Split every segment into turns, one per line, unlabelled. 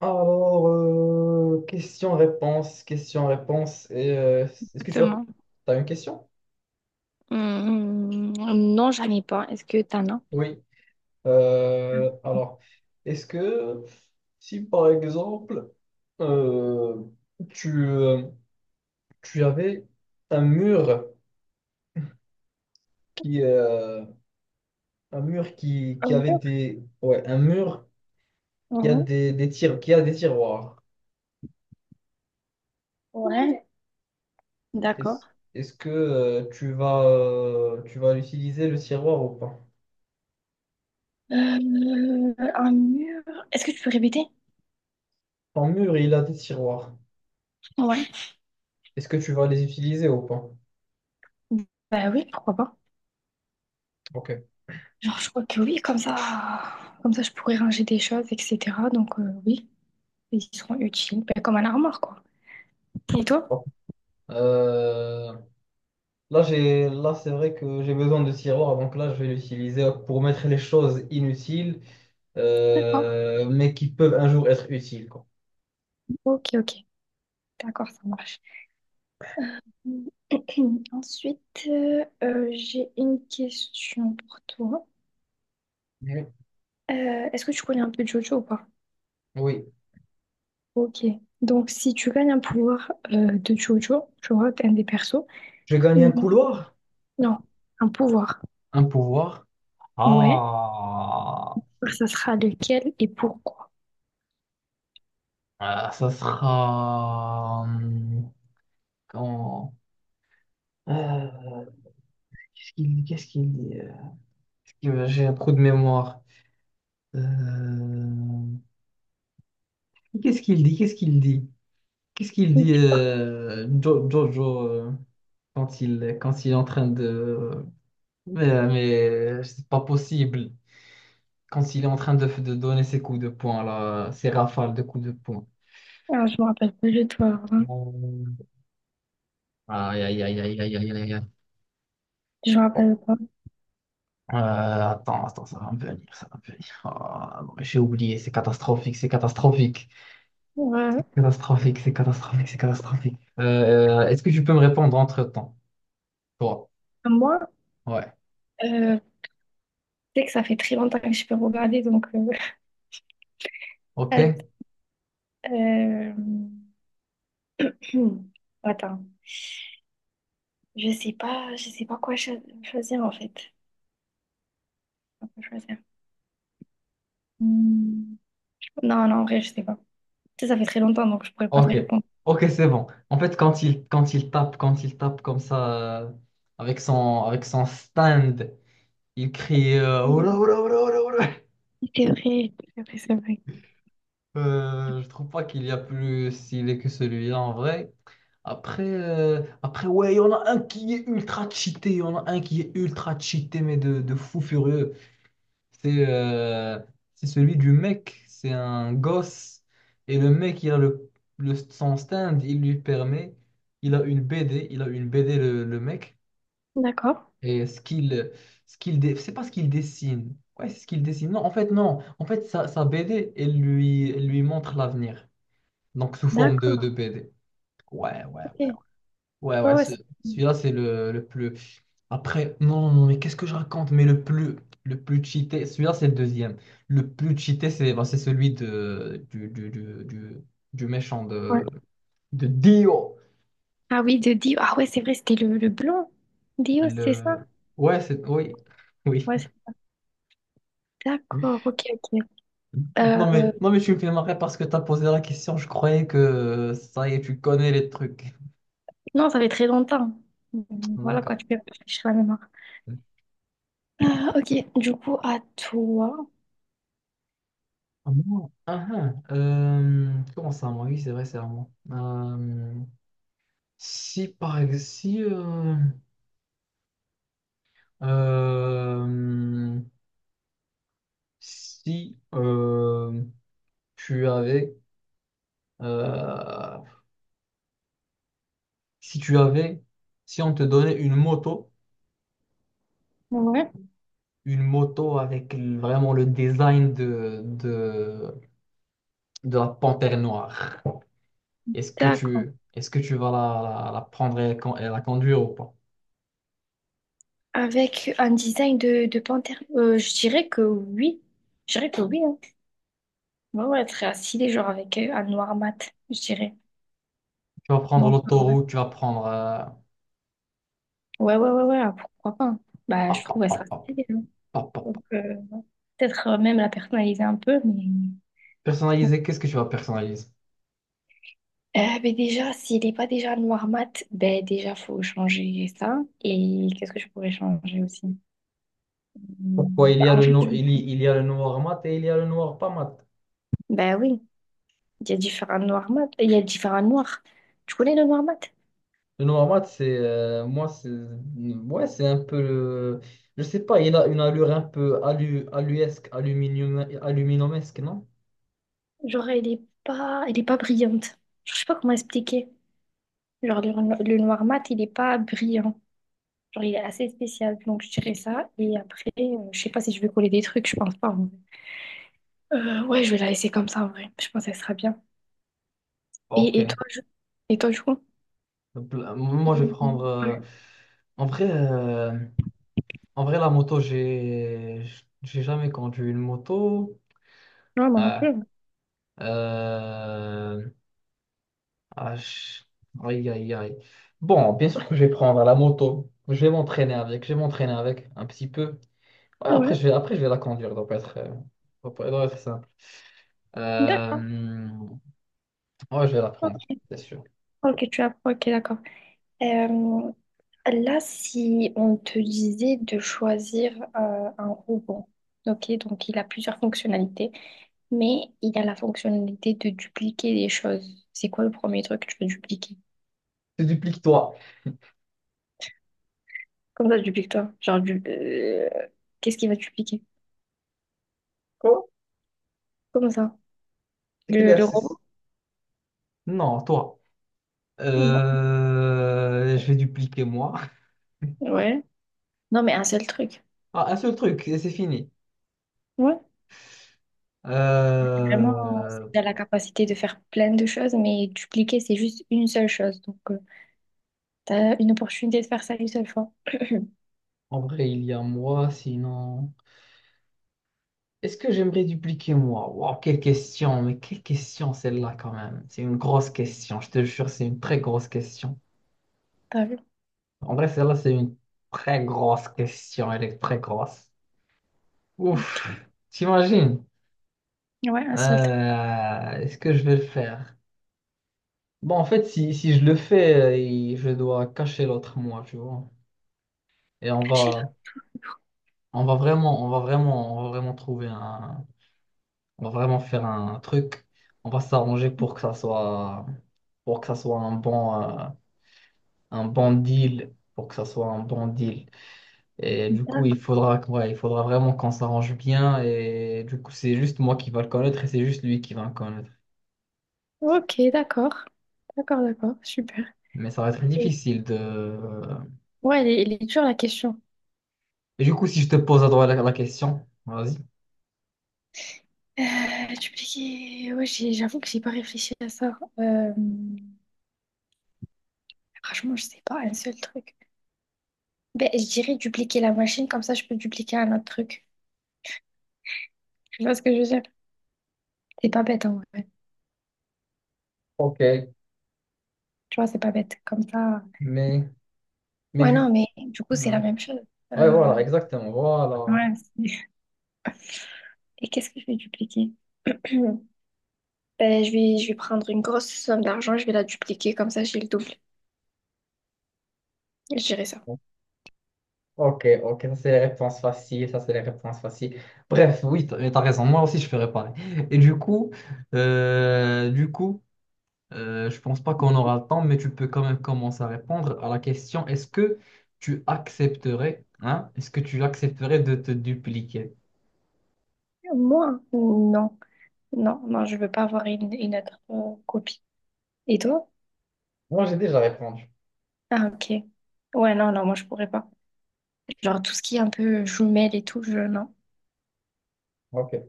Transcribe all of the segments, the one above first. Question-réponse, question-réponse. Est-ce que tu as,
Exactement.
t'as une question?
Non, j'en ai pas. Est-ce que t'en as?
Oui. Euh, alors, est-ce que si par exemple euh, tu, euh, tu avais un mur qui un mur qui
Un
avait
mur?
des ouais un mur qui a
Mhm.
qui a des tiroirs,
Ouais,
est-ce,
d'accord.
est-ce que tu vas l'utiliser le tiroir ou pas?
Un mur. Est-ce que tu peux répéter?
Ton mur, il a des tiroirs.
Ouais.
Est-ce que tu vas les utiliser ou pas?
Bah oui, pourquoi pas.
Ok.
Genre, je crois que oui, comme ça, je pourrais ranger des choses, etc. Donc, oui, ils seront utiles. Bah, comme un armoire, quoi. Et toi?
Bon. Euh, là, c'est vrai que j'ai besoin de tiroir, donc là, je vais l'utiliser pour mettre les choses inutiles,
D'accord.
mais qui peuvent un jour être utiles, quoi.
Ok, ok. D'accord, ça marche. Ensuite, j'ai une question pour toi.
Mhm.
Est-ce que tu connais un peu Jojo ou pas?
Oui.
Ok. Donc, si tu gagnes un pouvoir de Jojo, je vois un des persos.
Je gagne un
Mais
couloir,
non, un pouvoir.
un pouvoir.
Ouais.
Ah,
Ça sera lequel et pourquoi?
Ah, ça sera. Comment? Euh, qu'est-ce qu'il dit? J'ai un trou de mémoire. Euh, Qu'est-ce qu'il dit? Qu'est-ce qu'il dit? Qu'est-ce qu'il dit Jojo quand quand il est en train de… Mais, euh, mais c'est pas possible. Quand il est en train de donner ses coups de poing, là, ses rafales de coups de poing.
Ah, je me rappelle pas du tout avant.
Euh, Aïe, aïe, aïe, aïe, aïe, aïe, aïe, aïe.
Je me
Oh.
rappelle pas.
Attends, ça va me venir. Ah, non, mais j'ai oublié, c'est catastrophique.
Ouais.
C'est catastrophique. Est-ce que tu peux me répondre entre-temps? Toi,
Moi,
ouais,
euh, c'est que ça fait très longtemps que je peux regarder, donc. att-
ok.
euh, hmm, attends. Je sais pas quoi choisir en fait. Je sais pas quoi choisir. Hmm. Non, non, en vrai, je sais pas. Tu sais, ça fait très longtemps, donc je pourrais pas te
Ok,
répondre.
ok, c'est bon. En fait, quand il tape comme ça, avec son stand, il crie Oula, oula, oula, oula, oula.
C'est vrai, c'est vrai, c'est vrai.
Je trouve pas qu'il y a plus stylé que celui-là en vrai. Après, ouais, il y en a un qui est ultra cheaté, il y en a un qui est ultra cheaté, mais de fou furieux. C'est euh, c'est celui du mec, c'est un gosse. Et le mec, il a son stand, il lui permet, il a une BD, il a une BD le mec.
D'accord.
Et c'est pas ce qu'il dessine. Ouais, c'est ce qu'il dessine. Non, en fait, non. En fait, sa BD, elle lui montre l'avenir. Donc, sous forme
D'accord,
de BD. Ouais, ouais, ouais.
ok. Ouais,
Ouais, ouais,
ouais,
ce-
c'est
celui-là, c'est le plus. Après, non, non, mais qu'est-ce que je raconte? Mais le plus cheaté, celui-là, c'est le deuxième. Le plus cheaté, c'est c'est celui de, du méchant
ouais.
de Dio.
Ah oui, de Dio. Ah ouais, c'est vrai, c'était le blond. Dio, c'est ça?
Le… Ouais, c'est… Oui, oui.
Ouais, c'est d'accord, ok, ok. Euh,
Non, mais je suis fait marrer parce que tu as posé la question. Je croyais que ça y est, tu connais les trucs.
non, ça fait très longtemps. Hmm, voilà quoi,
D'accord.
tu peux réfléchir à la mémoire. Ah, ok, du coup, à toi.
Comment ça, moi? Oui, c'est vrai, c'est à moi. Si, par exemple, Euh, si euh, tu avais, euh, si tu avais, si on te donnait
Ouais.
une moto avec vraiment le design de la panthère noire,
D'accord.
est-ce que tu vas la prendre et la conduire ou pas?
Avec un design de panthère. Je dirais que oui. Je dirais que oui, hein. Ouais, ouais, très assis, genre avec un noir mat, je dirais.
Tu vas prendre
Donc,
l'autoroute, tu vas prendre.
ouais, ouais, ouais, ouais, ah, pourquoi pas, hein. Bah, je
Pop, pop,
trouve elle
pop,
sera
pop,
stylée, hein.
pop, pop,
Donc,
pop.
euh, peut-être même la personnaliser un peu, mais bon.
Personnaliser, qu'est-ce que tu vas personnaliser?
Mais déjà, s'il n'est pas déjà noir mat, ben déjà, faut changer ça. Et qu'est-ce que je pourrais changer aussi?
Pourquoi
Hmm,
il
bah,
y a
en
le
fait,
no- il y a le noir mat et il y a le noir pas mat?
bah oui, il y a différents noirs mat. Il y a différents noirs. Tu connais le noir mat?
Le Noamad, c'est ouais, c'est un peu, je sais pas, il a une allure un peu alu, aluesque, aluminium, aluminumesque, non?
Genre, elle est pas brillante. Je sais pas comment expliquer. Genre, le noir mat, il est pas brillant. Genre, il est assez spécial, donc je dirais ça. Et après, je sais pas si je vais coller des trucs, je pense pas en vrai. Ouais, je vais la laisser comme ça, en vrai. Je pense qu'elle sera bien. Et, et
Ok.
toi, je... et toi, je crois?
Moi, je vais
Et
prendre.
ouais,
En vrai, euh, en vrai, j'ai jamais conduit une moto.
ouais, moi non plus.
Ah, euh, ah, je- aïe, aïe, aïe. Bon, bien sûr que je vais prendre la moto. Je vais m'entraîner avec. Je vais m'entraîner avec un petit peu. Ouais,
Ouais, ouais,
après, je vais la conduire, donc être, doit pas- doit être simple. Euh,
d'accord.
ouais, je vais la prendre, c'est sûr.
Ok, tu apprends, ok, d'accord. Euh, là, si on te disait de choisir un robot, ok, donc il a plusieurs fonctionnalités, mais il a la fonctionnalité de dupliquer des choses. C'est quoi le premier truc que tu veux dupliquer?
Tu dupliques toi.
Comme ça, tu piques toi. Genre, qu'est-ce qui va te piquer
Quoi?
comme ça?
C'est quel
Le
exercice?
robot?
Non, toi.
Non.
Je vais dupliquer moi.
Ouais. Non, mais un seul truc.
Ah, un seul truc, et c'est fini.
Ouais. Vraiment,
Euh,
tu as la capacité de faire plein de choses, mais dupliquer, c'est juste une seule chose. Donc, tu as une opportunité de faire ça une seule fois.
en vrai, il y a moi, sinon. Est-ce que j'aimerais dupliquer moi? Waouh, quelle question, mais quelle question celle-là quand même. C'est une grosse question, je te jure, c'est une très grosse question.
T'as vu?
En vrai, celle-là, c'est une très grosse question. Elle est très grosse.
Ok.
Ouf, t'imagines?
Ouais, un seul truc.
Est-ce que je vais le faire? Bon, en fait, si je le fais, je dois cacher l'autre moi, tu vois. Et
Caché là.
on va vraiment on va vraiment faire un truc. On va s'arranger pour que ça soit, pour que ça soit un pour que ça soit un bon deal. Et du coup,
D'accord.
ouais, il faudra vraiment qu'on s'arrange bien. Et du coup, c'est juste moi qui va le connaître et c'est juste lui qui va le connaître.
Ok, d'accord. D'accord, d'accord. Super.
Mais ça va être
Et
difficile de…
ouais, elle est dure la question.
Et du coup, si je te pose à droite la question, vas-y.
Euh, dupliquer. Ouais, j'avoue que j'ai pas réfléchi à ça. Franchement, je sais pas, un seul truc. Ben, je dirais dupliquer la machine, comme ça je peux dupliquer un autre truc. Tu vois ce que je veux dire? C'est pas bête en vrai.
Ok,
Tu vois, c'est pas bête. Comme ça.
mais, mais
Ouais,
du...
non, mais du coup, c'est
Ouais.
la même chose.
Ouais, voilà,
Euh,
exactement, voilà.
Ouais, c'est et qu'est-ce que je vais dupliquer? Ben, je vais prendre une grosse somme d'argent, je vais la dupliquer, comme ça j'ai le double. Je dirais ça.
Ok, ça c'est les réponses faciles. Bref, oui, t'as raison, moi aussi je fais réparer. Et du coup, euh, du coup, je pense pas qu'on aura le temps, mais tu peux quand même commencer à répondre à la question, est-ce que tu accepterais, hein, est-ce que tu accepterais de te dupliquer?
Moi? Non. Non, non, je veux pas avoir une autre copie. Et toi?
Moi, j'ai déjà répondu.
Ah, ok. Ouais, non, non, moi je pourrais pas. Genre tout ce qui est un peu jumelle et tout, je... non.
Ok.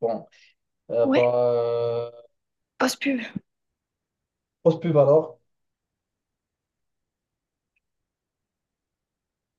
Bon. Euh, bah,
Ouais.
euh,
Pause pub.
pose pub alors.